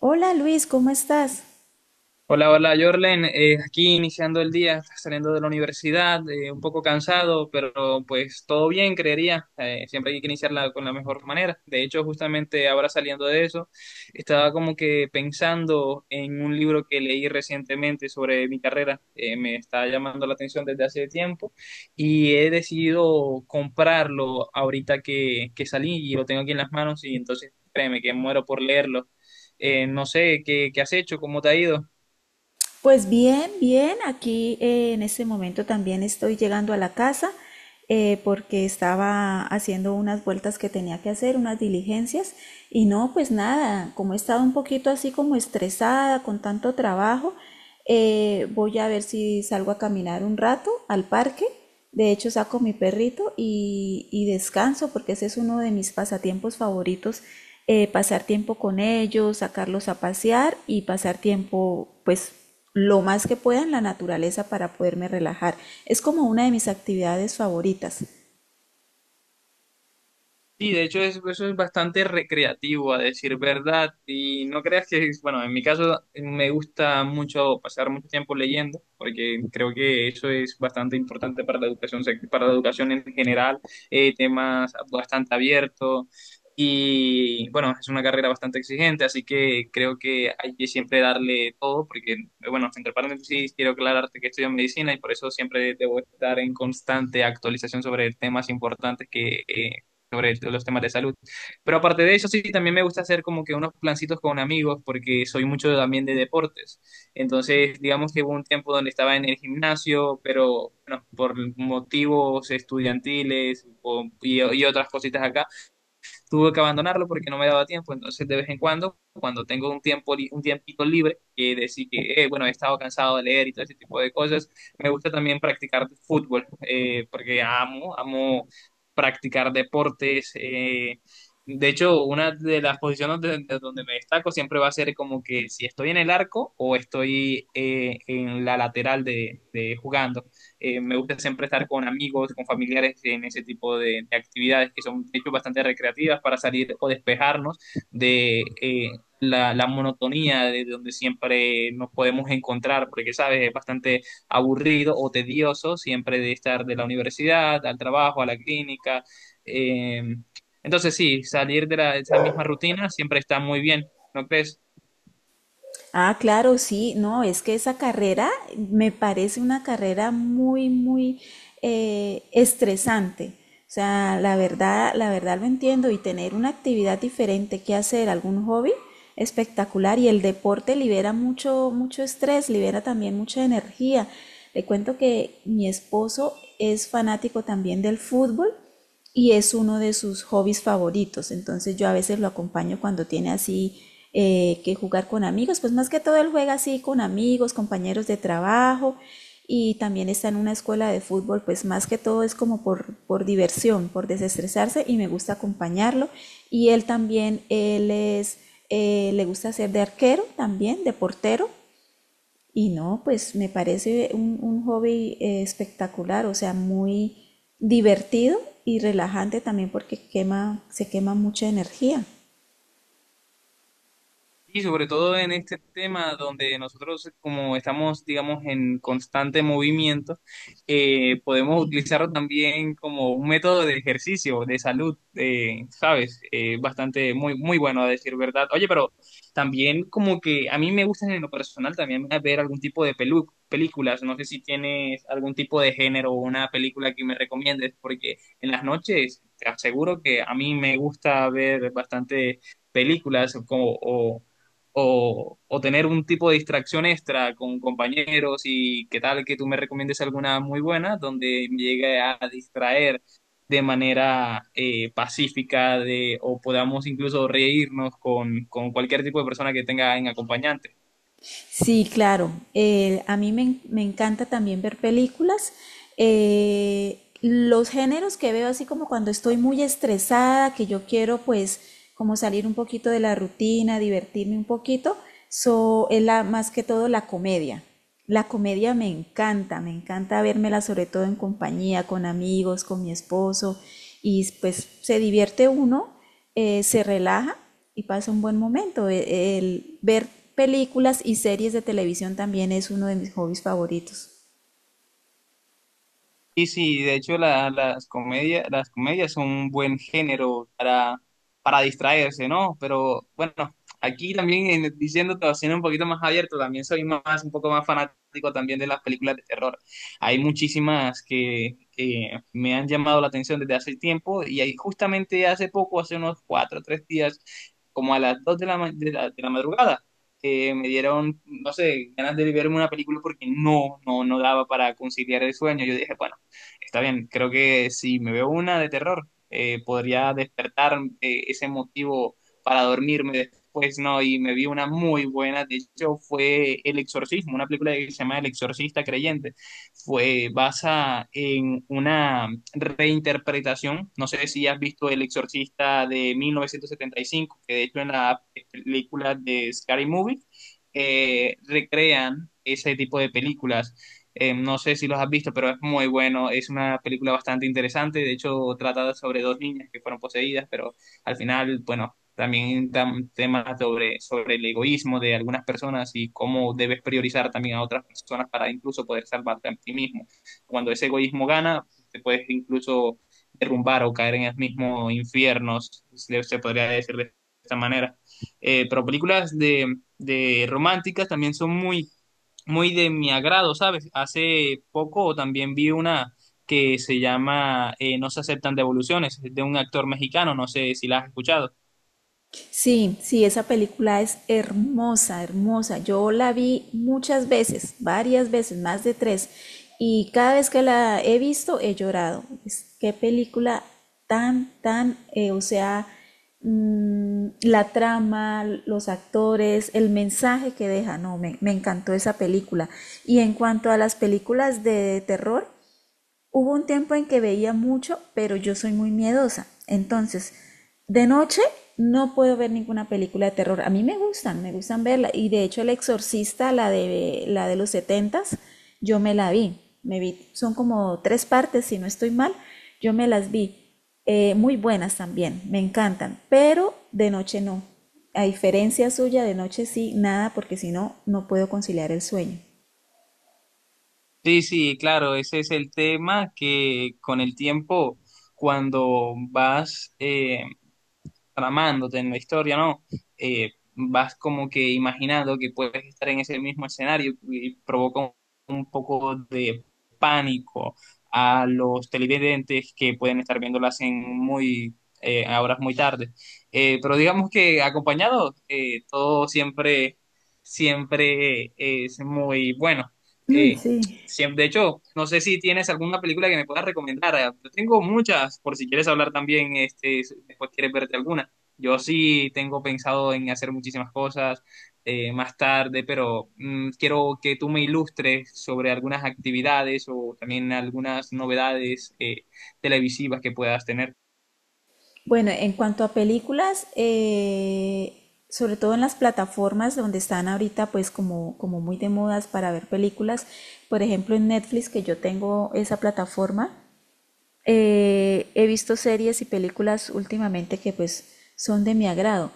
Hola Luis, ¿cómo estás? Hola, hola, Jorlen. Aquí iniciando el día, saliendo de la universidad, un poco cansado, pero pues todo bien, creería. Siempre hay que iniciarla con la mejor manera. De hecho, justamente ahora saliendo de eso, estaba como que pensando en un libro que leí recientemente sobre mi carrera. Me está llamando la atención desde hace tiempo y he decidido comprarlo ahorita que salí y lo tengo aquí en las manos y entonces créeme que muero por leerlo. No sé, ¿qué has hecho? ¿Cómo te ha ido? Pues bien, bien, aquí en este momento también estoy llegando a la casa porque estaba haciendo unas vueltas que tenía que hacer, unas diligencias. Y no, pues nada, como he estado un poquito así como estresada con tanto trabajo, voy a ver si salgo a caminar un rato al parque. De hecho, saco mi perrito y descanso porque ese es uno de mis pasatiempos favoritos. Pasar tiempo con ellos, sacarlos a pasear y pasar tiempo pues lo más que pueda en la naturaleza para poderme relajar. Es como una de mis actividades favoritas. Sí, de hecho eso es bastante recreativo, a decir verdad. Y no creas que, bueno, en mi caso me gusta mucho pasar mucho tiempo leyendo, porque creo que eso es bastante importante para la educación, sec para la educación en general, temas bastante abiertos. Y bueno, es una carrera bastante exigente, así que creo que hay que siempre darle todo, porque, bueno, entre paréntesis, quiero aclararte que estudio medicina y por eso siempre debo estar en constante actualización sobre temas importantes que sobre los temas de salud. Pero aparte de eso, sí, también me gusta hacer como que unos plancitos con amigos porque soy mucho también de deportes. Entonces, digamos que hubo un tiempo donde estaba en el gimnasio, pero bueno, por motivos estudiantiles y otras cositas acá tuve que abandonarlo porque no me daba tiempo. Entonces, de vez en cuando, cuando tengo un tiempo, un tiempito libre, que decir que, bueno, he estado cansado de leer y todo ese tipo de cosas, me gusta también practicar fútbol, porque amo, amo practicar deportes. De hecho, una de las posiciones donde, de donde me destaco siempre va a ser como que si estoy en el arco o estoy en la lateral de jugando. Me gusta siempre estar con amigos, con familiares en ese tipo de actividades que son, de hecho, bastante recreativas para salir o despejarnos de la monotonía de donde siempre nos podemos encontrar, porque, sabes, es bastante aburrido o tedioso siempre de estar de la universidad al trabajo, a la clínica. Eh, entonces, sí, salir de, la, de esa misma rutina siempre está muy bien, ¿no crees? Ah, claro, sí, no, es que esa carrera me parece una carrera muy, muy estresante. O sea, la verdad lo entiendo, y tener una actividad diferente que hacer, algún hobby espectacular. Y el deporte libera mucho, mucho estrés, libera también mucha energía. Le cuento que mi esposo es fanático también del fútbol y es uno de sus hobbies favoritos. Entonces yo a veces lo acompaño cuando tiene así que jugar con amigos. Pues más que todo él juega así con amigos, compañeros de trabajo, y también está en una escuela de fútbol. Pues más que todo es como por diversión, por desestresarse, y me gusta acompañarlo. Y él también, le gusta ser de arquero también, de portero. Y no, pues me parece un hobby espectacular, o sea, muy divertido y relajante también, porque quema, se quema mucha energía. Y sobre todo en este tema donde nosotros, como estamos, digamos, en constante movimiento, podemos utilizarlo también como un método de ejercicio, de salud, ¿sabes? Bastante, muy, muy bueno a decir verdad. Oye, pero también como que a mí me gustan en lo personal también ver algún tipo de películas. No sé si tienes algún tipo de género o una película que me recomiendes, porque en las noches te aseguro que a mí me gusta ver bastante películas como, o o tener un tipo de distracción extra con compañeros y qué tal que tú me recomiendes alguna muy buena donde me llegue a distraer de manera pacífica de, o podamos incluso reírnos con cualquier tipo de persona que tenga en acompañante. Sí, claro, a mí me encanta también ver películas. Los géneros que veo así como cuando estoy muy estresada, que yo quiero pues como salir un poquito de la rutina, divertirme un poquito, so, es la, más que todo la comedia. La comedia me encanta vérmela sobre todo en compañía, con amigos, con mi esposo, y pues se divierte uno, se relaja y pasa un buen momento. El ver películas y series de televisión también es uno de mis hobbies favoritos. Y sí, de hecho las comedias son un buen género para distraerse, ¿no? Pero bueno, aquí también diciéndote, o siendo un poquito más abierto, también soy más, un poco más fanático también de las películas de terror. Hay muchísimas que me han llamado la atención desde hace tiempo y ahí justamente hace poco, hace unos cuatro o tres días, como a las dos de la, de la, de la madrugada. Me dieron, no sé, ganas de verme una película porque no, no, no daba para conciliar el sueño. Yo dije, bueno, está bien, creo que si me veo una de terror, podría despertar ese motivo para dormirme después, ¿no? Y me vi una muy buena, de hecho fue El Exorcismo, una película que se llama El Exorcista Creyente. Fue basada en una reinterpretación, no sé si has visto El Exorcista de 1975, que de hecho en la película de Scary Movie recrean ese tipo de películas no sé si los has visto, pero es muy bueno. Es una película bastante interesante. De hecho, trata sobre dos niñas que fueron poseídas, pero al final, bueno, también dan temas sobre, sobre el egoísmo de algunas personas y cómo debes priorizar también a otras personas para incluso poder salvarte a ti mismo. Cuando ese egoísmo gana, te puedes incluso derrumbar o caer en el mismo infierno, se podría decir de esta manera. Pero películas de románticas también son muy muy de mi agrado, ¿sabes? Hace poco también vi una que se llama No se aceptan devoluciones, es de un actor mexicano, no sé si la has escuchado. Sí, sí, esa película es hermosa, hermosa. Yo la vi muchas veces, varias veces, más de tres, y cada vez que la he visto he llorado. Es- qué película tan, tan, o sea, mm, la trama, los actores, el mensaje que deja, no, me encantó esa película. Y en cuanto a las películas de terror, hubo un tiempo en que veía mucho, pero yo soy muy miedosa. Entonces, de noche no puedo ver ninguna película de terror. A mí me gustan verla. Y de hecho, El Exorcista, la de los setentas, yo me la vi. Me vi, son como tres partes, si no estoy mal, yo me las vi. Muy buenas también, me encantan, pero de noche no. A diferencia suya, de noche sí, nada, porque si no, no puedo conciliar el sueño. Sí, sí, claro, ese es el tema que con el tiempo, cuando vas tramándote en la historia, ¿no? Vas como que imaginando que puedes estar en ese mismo escenario y provoca un poco de pánico a los televidentes que pueden estar viéndolas en muy a horas muy tarde. Pero digamos que acompañado, todo siempre, siempre es muy bueno. Uy, Eh, sí. Siempre, de hecho, no sé si tienes alguna película que me puedas recomendar. Yo tengo muchas, por si quieres hablar también, este, después quieres verte alguna. Yo sí tengo pensado en hacer muchísimas cosas más tarde, pero quiero que tú me ilustres sobre algunas actividades o también algunas novedades televisivas que puedas tener. Bueno, en cuanto a películas, sobre todo en las plataformas donde están ahorita pues como, como muy de modas para ver películas, por ejemplo en Netflix, que yo tengo esa plataforma, he visto series y películas últimamente que pues son de mi agrado.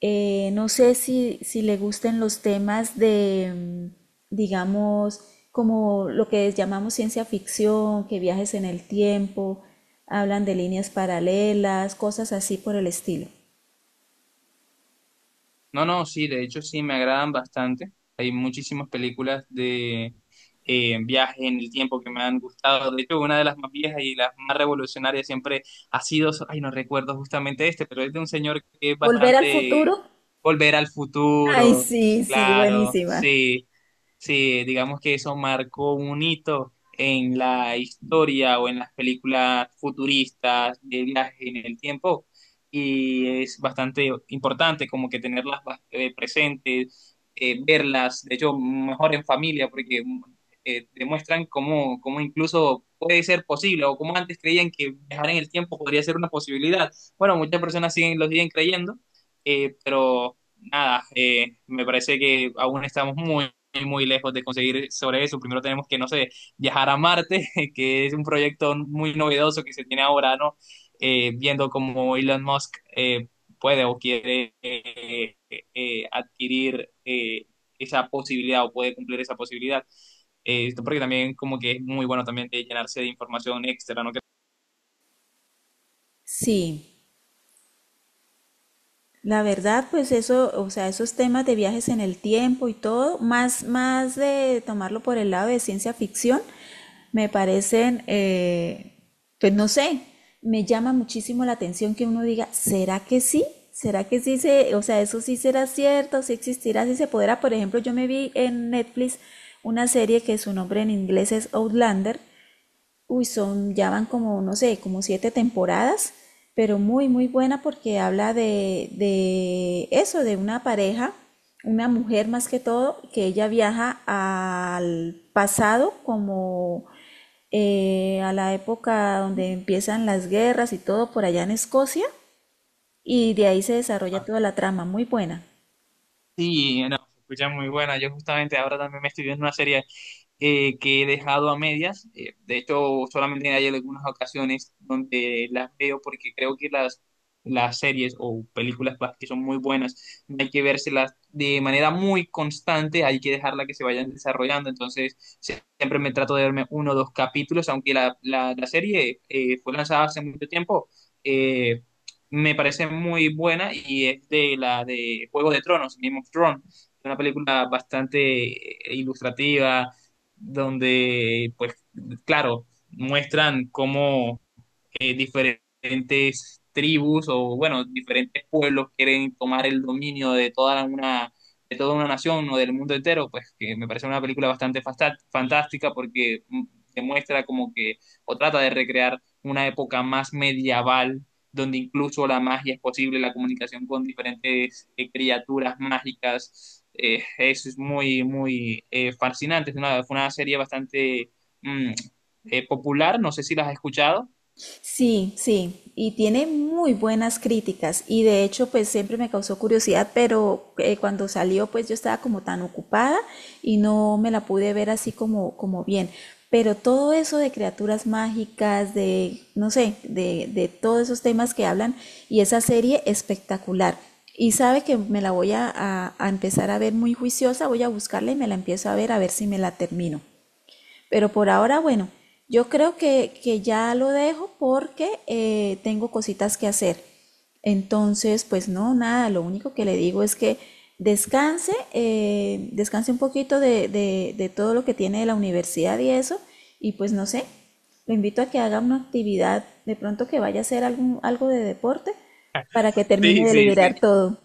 No sé si le gusten los temas de, mm, digamos, como lo que llamamos ciencia ficción, que viajes en el tiempo, hablan de líneas paralelas, cosas así por el estilo. No, no, sí, de hecho sí me agradan bastante. Hay muchísimas películas de viaje en el tiempo que me han gustado. De hecho, una de las más viejas y las más revolucionarias siempre ha sido, so, ay, no recuerdo justamente este, pero es de un señor que es ¿Volver al bastante futuro? volver al Ay, futuro. sí, sí, Claro, buenísima. sí, sí, digamos que eso marcó un hito en la historia o en las películas futuristas de viaje en el tiempo y es bastante importante como que tenerlas presentes, verlas, de hecho, mejor en familia, porque demuestran cómo, cómo incluso puede ser posible o como antes creían que viajar en el tiempo podría ser una posibilidad. Bueno, muchas personas siguen, lo siguen creyendo, pero nada, me parece que aún estamos muy muy lejos de conseguir sobre eso. Primero tenemos que, no sé, viajar a Marte, que es un proyecto muy novedoso que se tiene ahora, ¿no? Viendo cómo Elon Musk puede o quiere adquirir esa posibilidad o puede cumplir esa posibilidad. Porque también como que es muy bueno también de llenarse de información extra, ¿no? Sí, la verdad, pues eso, o sea, esos temas de viajes en el tiempo y todo, más, más de tomarlo por el lado de ciencia ficción, me parecen, pues no sé, me llama muchísimo la atención que uno diga, ¿será que sí? ¿Será que sí se, o sea, eso sí será cierto, sí existirá, sí se podrá? Por ejemplo, yo me vi en Netflix una serie que su nombre en inglés es Outlander. Uy, son, ya van como, no sé, como siete temporadas, pero muy, muy buena porque habla de eso, de una pareja, una mujer más que todo, que ella viaja al pasado como a la época donde empiezan las guerras y todo por allá en Escocia, y de ahí se desarrolla toda la trama, muy buena. Sí, no, se escucha muy buena. Yo justamente ahora también me estoy viendo una serie que he dejado a medias. De hecho, solamente hay algunas ocasiones donde las veo porque creo que las series o películas pues, que son muy buenas, no hay que vérselas de manera muy constante, hay que dejarla que se vayan desarrollando. Entonces, siempre me trato de verme uno o dos capítulos, aunque la serie fue lanzada hace mucho tiempo. eh, Me parece muy buena y es de la de Juego de Tronos, Game of Thrones, es una película bastante ilustrativa donde, pues, claro, muestran cómo diferentes tribus o, bueno, diferentes pueblos quieren tomar el dominio de toda una nación o del mundo entero, pues que me parece una película bastante fantástica porque demuestra como que, o trata de recrear una época más medieval, donde incluso la magia es posible, la comunicación con diferentes criaturas mágicas. Eso es muy, muy fascinante. Es una, fue una serie bastante mm, popular, no sé si la has escuchado. Sí, sí, y tiene muy buenas críticas, y de hecho pues siempre me causó curiosidad, pero cuando salió pues yo estaba como tan ocupada y no me la pude ver así como, como bien. Pero todo eso de criaturas mágicas, de, no sé, de todos esos temas que hablan, y esa serie espectacular. Y sabe que me la voy a, a empezar a ver muy juiciosa, voy a buscarla y me la empiezo a ver si me la termino. Pero por ahora, bueno, yo creo que ya lo dejo porque tengo cositas que hacer. Entonces, pues no, nada, lo único que le digo es que descanse, descanse un poquito de todo lo que tiene de la universidad y eso, y pues no sé, lo invito a que haga una actividad, de pronto que vaya a hacer algún, algo de deporte para que termine Sí, de sí, sí, liberar todo.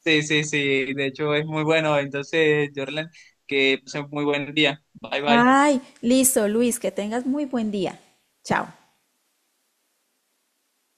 sí, sí, sí, de hecho es muy bueno. Entonces, Jordan, que pasen muy buen día. Bye, bye. Ay, listo, Luis, que tengas muy buen día. Chao.